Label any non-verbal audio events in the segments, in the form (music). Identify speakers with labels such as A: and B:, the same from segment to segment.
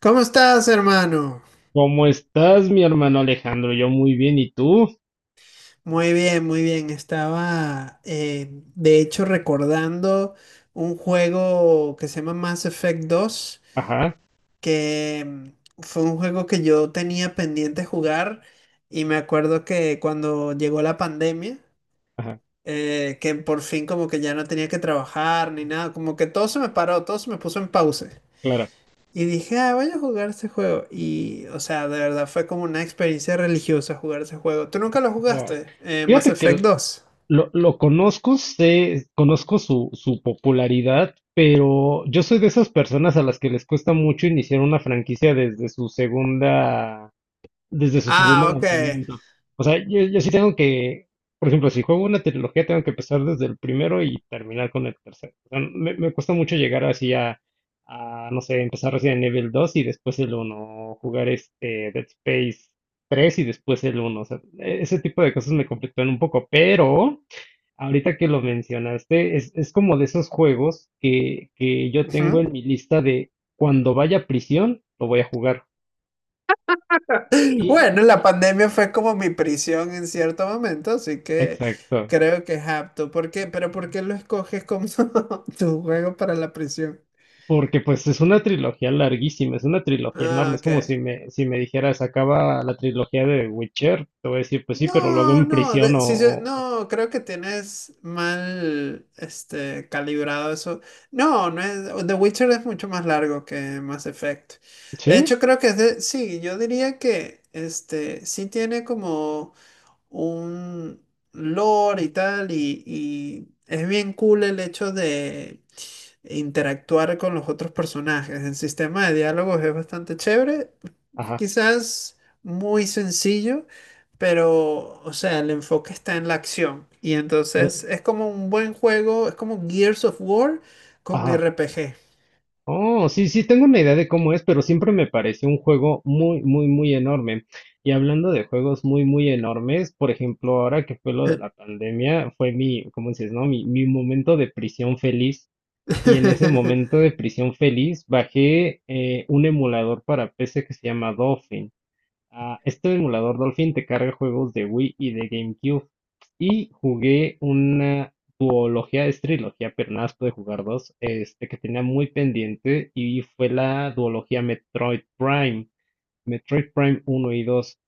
A: ¿Cómo estás, hermano?
B: ¿Cómo estás, mi hermano Alejandro? Yo muy bien, ¿y tú?
A: Muy bien, muy bien. Estaba de hecho, recordando un juego que se llama Mass Effect dos,
B: Ajá,
A: que fue un juego que yo tenía pendiente jugar y me acuerdo que cuando llegó la pandemia,
B: ajá,
A: que por fin como que ya no tenía que trabajar ni nada, como que todo se me paró, todo se me puso en pausa.
B: claro.
A: Y dije, ah, voy a jugar ese juego. Y, o sea, de verdad fue como una experiencia religiosa jugar ese juego. ¿Tú nunca lo
B: Claro.
A: jugaste? Mass
B: Fíjate
A: Effect
B: que
A: dos.
B: lo conozco, conozco su popularidad, pero yo soy de esas personas a las que les cuesta mucho iniciar una franquicia desde su segundo
A: Ah, ok.
B: lanzamiento. O sea, yo sí tengo que, por ejemplo, si juego una trilogía, tengo que empezar desde el primero y terminar con el tercero. O sea, me cuesta mucho llegar así a, no sé, empezar Resident Evil 2 y después el uno, o jugar este Dead Space 3 y después el uno. O sea, ese tipo de cosas me conflictúan un poco, pero ahorita que lo mencionaste, es como de esos juegos que yo tengo
A: Ujú. (laughs)
B: en mi lista de cuando vaya a prisión, lo voy a jugar. Y,
A: Bueno, la pandemia fue como mi prisión en cierto momento, así que
B: exacto.
A: creo que es apto. ¿Por qué? ¿Pero por qué lo escoges como (laughs) tu juego para la prisión?
B: Porque pues es una trilogía larguísima, es una trilogía
A: Ah,
B: enorme, es
A: ok.
B: como si me dijeras, acaba la trilogía de Witcher, te voy a decir, pues sí, pero luego
A: No,
B: en
A: no,
B: prisión
A: sí, sí, no, creo que tienes mal, este, calibrado eso. No, no es, The Witcher es mucho más largo que Mass Effect. De
B: ¿Sí?
A: hecho, creo que es de, sí, yo diría que, este, sí tiene como un lore y tal, y es bien cool el hecho de interactuar con los otros personajes. El sistema de diálogos es bastante chévere.
B: Ajá,
A: Quizás muy sencillo, pero, o sea, el enfoque está en la acción. Y entonces
B: de-
A: es como un buen juego, es como Gears of War con
B: ajá.
A: RPG.
B: Oh, sí, sí, tengo una idea de cómo es, pero siempre me pareció un juego muy, muy, muy enorme. Y hablando de juegos muy, muy enormes, por ejemplo, ahora que fue lo de la pandemia, fue mi, ¿cómo dices, no? Mi momento de prisión feliz. Y en ese
A: (laughs)
B: momento de prisión feliz, bajé un emulador para PC que se llama Dolphin. Ah, este emulador Dolphin te carga juegos de Wii y de GameCube. Y jugué una duología, es trilogía, pero nada más pude jugar dos, que tenía muy pendiente y fue la duología Metroid Prime. Metroid Prime uno y dos,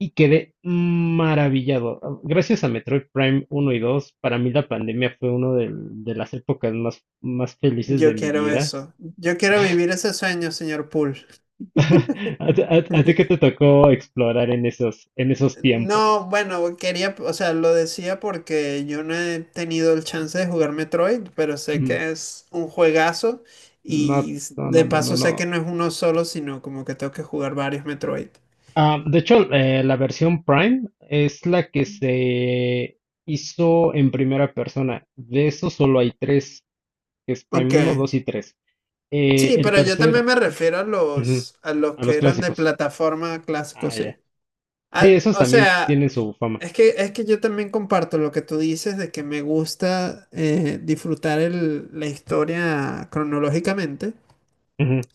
B: y quedé maravillado. Gracias a Metroid Prime uno y dos, para mí la pandemia fue una de las épocas más felices de
A: Yo
B: mi
A: quiero
B: vida.
A: eso. Yo quiero vivir ese sueño, señor Poole.
B: (laughs) ¿A ti qué te tocó explorar en esos
A: No,
B: tiempos?
A: bueno, quería, o sea, lo decía porque yo no he tenido el chance de jugar Metroid, pero sé
B: Mm.
A: que es un juegazo
B: No,
A: y
B: no, no,
A: de
B: no, no,
A: paso sé que
B: no.
A: no es uno solo, sino como que tengo que jugar varios Metroid.
B: Ah, de hecho, la versión Prime es la que se hizo en primera persona. De eso solo hay tres, que es
A: Ok.
B: Prime uno, 2 y tres.
A: Sí,
B: El
A: pero yo
B: tercer...
A: también me refiero
B: Ujú.
A: a los
B: A
A: que
B: los
A: eran de
B: clásicos.
A: plataforma clásico,
B: Ah,
A: sí.
B: ya. Sí,
A: Ah,
B: esos
A: o
B: también
A: sea,
B: tienen su fama.
A: es que yo también comparto lo que tú dices de que me gusta disfrutar la historia cronológicamente,
B: Ujú,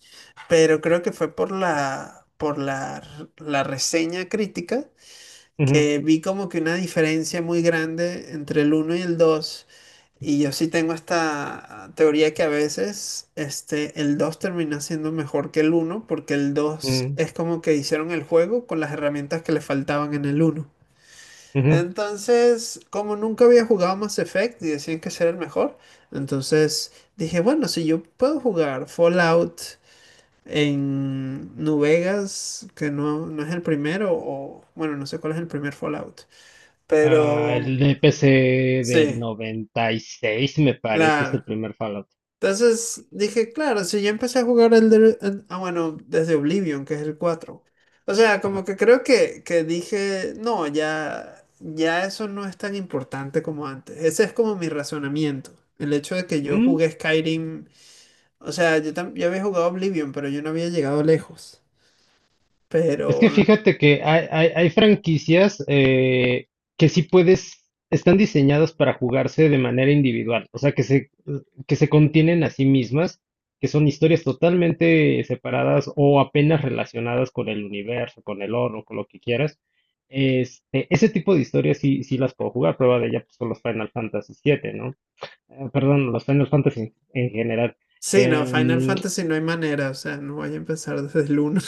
A: pero creo que fue la reseña crítica
B: ujú,
A: que vi como que una diferencia muy grande entre el uno y el dos. Y yo sí tengo esta teoría que a veces este, el 2 termina siendo mejor que el uno porque el dos
B: ujú,
A: es como que hicieron el juego con las herramientas que le faltaban en el uno.
B: ujú.
A: Entonces, como nunca había jugado Mass Effect y decían que ese era el mejor, entonces dije, bueno, si yo puedo jugar Fallout en New Vegas, que no, no es el primero, o bueno, no sé cuál es el primer Fallout.
B: Ah,
A: Pero
B: el de PC del
A: sí,
B: 96, me parece, es el
A: claro.
B: primer Fallout.
A: Entonces dije, claro, si yo empecé a jugar bueno, desde Oblivion, que es el cuatro. O sea, como que creo que dije, no, ya eso no es tan importante como antes. Ese es como mi razonamiento. El hecho de que
B: Ajá.
A: yo jugué Skyrim, o sea, yo había jugado Oblivion, pero yo no había llegado lejos. Pero
B: Es que fíjate que hay franquicias que sí puedes, están diseñadas para jugarse de manera individual, o sea, que se contienen a sí mismas, que son historias totalmente separadas o apenas relacionadas con el universo, con el oro, con lo que quieras. Ese tipo de historias sí, sí las puedo jugar, prueba de ella pues, son los Final Fantasy 7, ¿no? Perdón, los Final Fantasy en general.
A: sí, no, Final
B: Em,
A: Fantasy no hay manera, o sea, no voy a empezar desde el uno.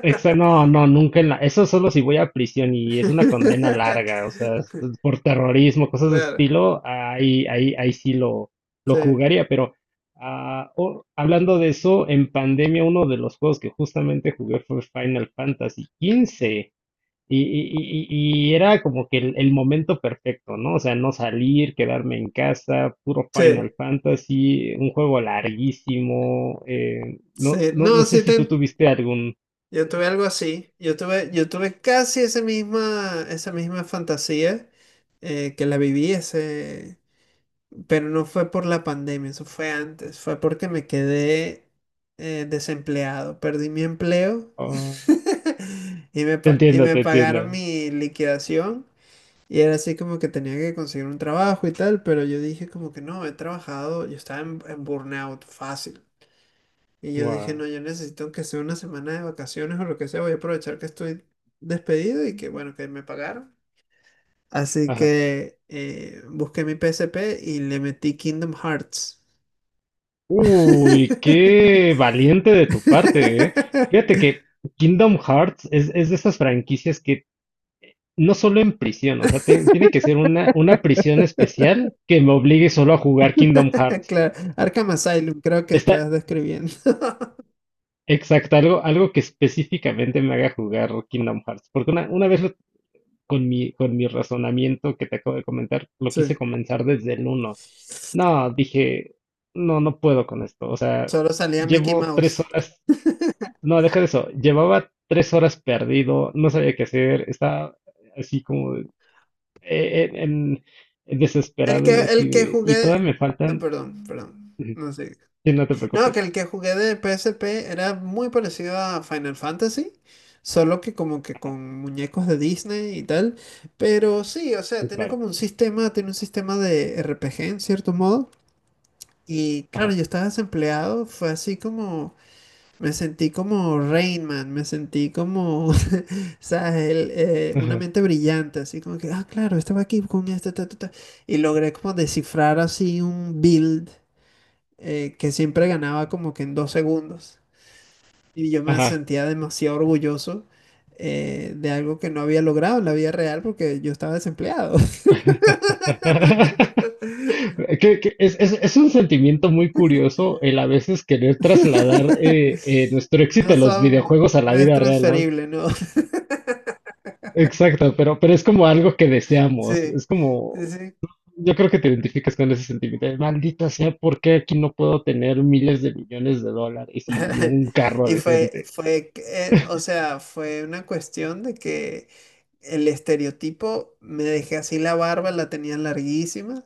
B: Exacto, no, no, nunca en la... Eso solo si voy a prisión y es
A: (laughs)
B: una condena larga, o sea, es por terrorismo, cosas de
A: Claro,
B: estilo, ahí sí lo
A: sí,
B: jugaría, pero hablando de eso, en pandemia uno de los juegos que justamente jugué fue Final Fantasy 15 y era como que el momento perfecto, ¿no? O sea, no salir, quedarme en casa, puro
A: sí,
B: Final Fantasy, un juego larguísimo,
A: sí.
B: no, no, no
A: No,
B: sé
A: sí,
B: si tú tuviste algún...
A: yo tuve algo así. Yo tuve casi esa misma fantasía que la viví ese, pero no fue por la pandemia, eso fue antes, fue porque me quedé desempleado, perdí mi empleo.
B: Ah,
A: (laughs) Y me,
B: te
A: y
B: entiendo,
A: me
B: te
A: pagaron
B: entiendo.
A: mi liquidación. Y era así como que tenía que conseguir un trabajo y tal, pero yo dije como que no, he trabajado, yo estaba en burnout fácil. Y yo dije,
B: Wow.
A: no, yo necesito que sea una semana de vacaciones o lo que sea, voy a aprovechar que estoy despedido y que bueno, que me pagaron. Así
B: Ajá.
A: que busqué mi PSP y le metí Kingdom Hearts.
B: Uy, qué
A: (laughs)
B: valiente de tu parte, ¿eh? Fíjate que Kingdom Hearts es de esas franquicias que no solo en prisión, o sea, tiene que ser una prisión especial que me obligue solo a jugar Kingdom Hearts.
A: Claro, Arkham Asylum, creo que
B: Está
A: estás describiendo. (laughs)
B: exacto, algo que específicamente me haga jugar Kingdom Hearts. Porque una vez con mi razonamiento que te acabo de comentar, lo
A: Sí.
B: quise comenzar desde el uno. No, dije, no, no puedo con esto. O sea,
A: Solo salía Mickey
B: llevo 3
A: Mouse.
B: horas.
A: (laughs)
B: No, deja de eso. Llevaba 3 horas perdido, no sabía qué hacer, estaba así como eh, eh, en-
A: El
B: desesperado
A: que,
B: y así
A: el que
B: de. Y
A: jugué.
B: todavía me
A: Ah,
B: faltan.
A: perdón, perdón.
B: Ujú.
A: No sé.
B: Sí, no te
A: No, que
B: preocupes.
A: el que jugué de PSP era muy parecido a Final Fantasy. Solo que como que con muñecos de Disney y tal. Pero sí, o
B: Sí,
A: sea, tiene
B: claro.
A: como un sistema, tiene un sistema de RPG en cierto modo. Y
B: Ajá.
A: claro, yo estaba desempleado. Fue así como. Me sentí como Rainman, me sentí como, (laughs) ¿sabes? El, una
B: Ajá.
A: mente brillante, así como que, ah, claro, estaba aquí con este, ta, ta, ta". Y logré como descifrar así un build que siempre ganaba como que en dos segundos. Y yo me
B: Ajá.
A: sentía demasiado orgulloso de algo que no había logrado en la vida real porque yo estaba desempleado. (laughs)
B: (laughs) Que es un sentimiento muy curioso el a veces querer trasladar nuestro éxito
A: No
B: en los
A: son,
B: videojuegos a la
A: no es
B: vida real, ¿no?
A: transferible, ¿no?
B: Exacto, pero es como algo que
A: (laughs)
B: deseamos,
A: Sí,
B: es como,
A: sí, sí.
B: yo creo que te identificas con ese sentimiento de, maldita sea, ¿por qué aquí no puedo tener miles de millones de dólares y
A: (laughs)
B: un carro
A: Y
B: decente?
A: o sea, fue una cuestión de que el estereotipo, me dejé así la barba, la tenía larguísima.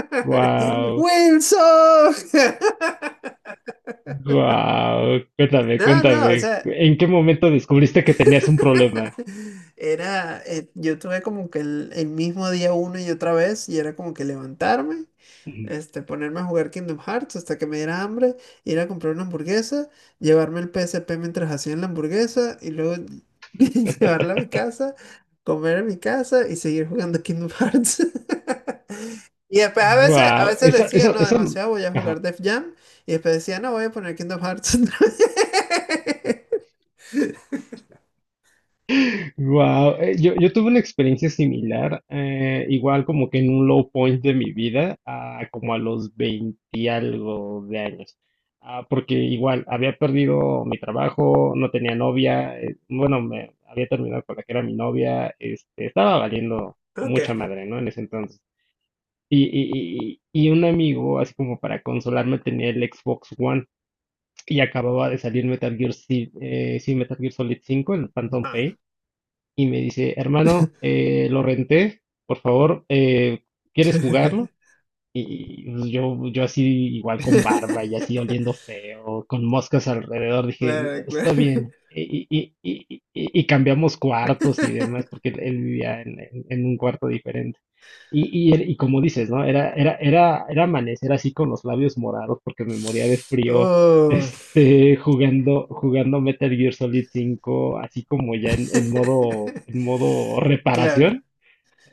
A: (laughs)
B: Wow,
A: ¡Wilson! (laughs)
B: wow, cuéntame,
A: No, no, o
B: cuéntame,
A: sea,
B: ¿en qué momento descubriste que tenías un problema?
A: (laughs) era, yo tuve como que el mismo día una y otra vez y era como que levantarme, este, ponerme a jugar Kingdom Hearts hasta que me diera hambre, ir a comprar una hamburguesa, llevarme el PSP mientras hacían la hamburguesa y luego (laughs) llevarla a mi
B: (laughs)
A: casa, comer en mi casa y seguir jugando Kingdom Hearts. (laughs) Y después a
B: Wow,
A: veces
B: eso,
A: decía,
B: eso,
A: no,
B: eso.
A: demasiado, voy a jugar Def Jam y después decía, no, voy a poner Kingdom Hearts otra vez".
B: Wow, yo tuve una experiencia similar, igual como que en un low point de mi vida, ah, como a los 20 y algo de años. Ah, porque igual había perdido mi trabajo, no tenía novia, bueno, me había terminado con la que era mi novia, estaba valiendo
A: (laughs) Ok.
B: mucha madre, ¿no? En ese entonces. Y un amigo, así como para consolarme, tenía el Xbox One y acababa de salir sí, Metal Gear Solid 5, el Phantom Pain.
A: Ah.
B: Y me dice, hermano, lo renté, por favor, ¿quieres jugarlo?
A: (laughs)
B: Y pues, yo así igual con barba y así oliendo
A: (laughs)
B: feo, con moscas alrededor, dije,
A: Claro, claro.
B: está bien. Y cambiamos cuartos y demás,
A: (laughs)
B: porque él vivía en un cuarto diferente. Y como dices, ¿no? Era amanecer así con los labios morados porque me moría de frío, (laughs)
A: Oh.
B: jugando Metal Gear Solid 5 así como ya en, en
A: (laughs)
B: modo, en modo
A: Claro.
B: reparación.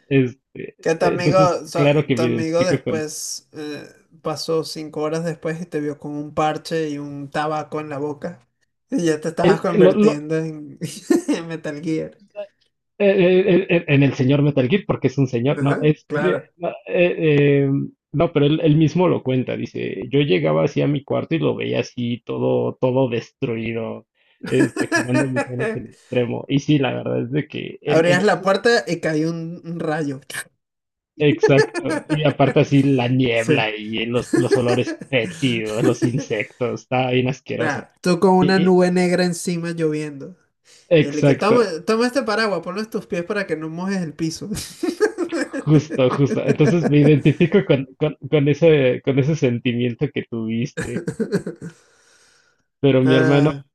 B: Este,
A: Que tu amigo,
B: entonces, claro que
A: tu
B: me
A: amigo
B: identifico.
A: después pasó cinco horas después y te vio con un parche y un tabaco en la boca. Y ya te estabas
B: El- lo- lo-
A: convirtiendo en, (laughs) en Metal Gear.
B: en el señor Metal Gear, porque es un señor, no,
A: Ajá, claro.
B: no, no, pero él mismo lo cuenta, dice, yo llegaba así a mi cuarto y lo veía así todo destruido, jugando misiones en
A: (laughs)
B: extremo. Y sí, la verdad es de que
A: Abrías la puerta y cayó un rayo.
B: exacto, y aparte así la
A: (laughs) Sí.
B: niebla y los olores fétidos, los
A: (laughs)
B: insectos, está bien asqueroso.
A: Claro, tú con una
B: Y, y-
A: nube negra encima lloviendo. Y el que toma,
B: exacto,
A: toma este paraguas, ponlo en tus pies para que no mojes el piso.
B: Justo, justo. Entonces me
A: (laughs)
B: identifico con ese sentimiento que tuviste. Pero mi hermano,
A: Ah,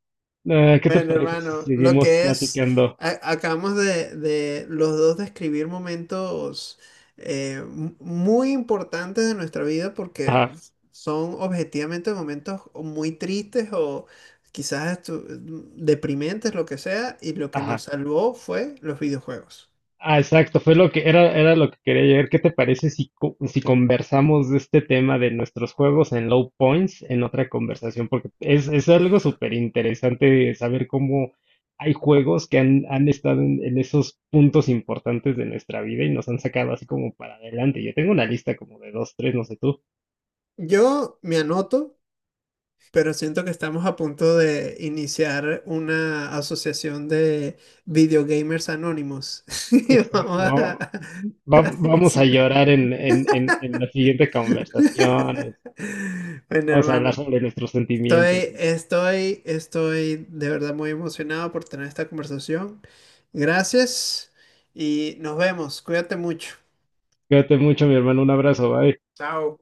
B: ¿qué te
A: bueno,
B: parece si
A: hermano, lo
B: seguimos
A: que es,
B: platicando?
A: acabamos de los dos describir momentos muy importantes de nuestra vida porque
B: Ajá,
A: son objetivamente momentos o muy tristes o quizás deprimentes, lo que sea, y lo que nos
B: ajá.
A: salvó fue los videojuegos.
B: Ah, exacto, fue lo que era lo que quería llegar. ¿Qué te parece si conversamos de este tema de nuestros juegos en low points en otra conversación? Porque es algo súper interesante saber cómo hay juegos que han estado en esos puntos importantes de nuestra vida y nos han sacado así como para adelante. Yo tengo una lista como de dos, tres, no sé tú.
A: Yo me anoto, pero siento que estamos a punto de iniciar una asociación de videogamers anónimos. (laughs) Y vamos
B: Exacto. ¿No? Va-
A: a
B: vamos a
A: decir.
B: llorar en la siguiente conversación.
A: (laughs) Bueno,
B: Vamos a hablar
A: hermano,
B: sobre nuestros sentimientos. Y así.
A: estoy de verdad muy emocionado por tener esta conversación. Gracias y nos vemos. Cuídate mucho.
B: Cuídate mucho, mi hermano. Un abrazo, bye.
A: Chao.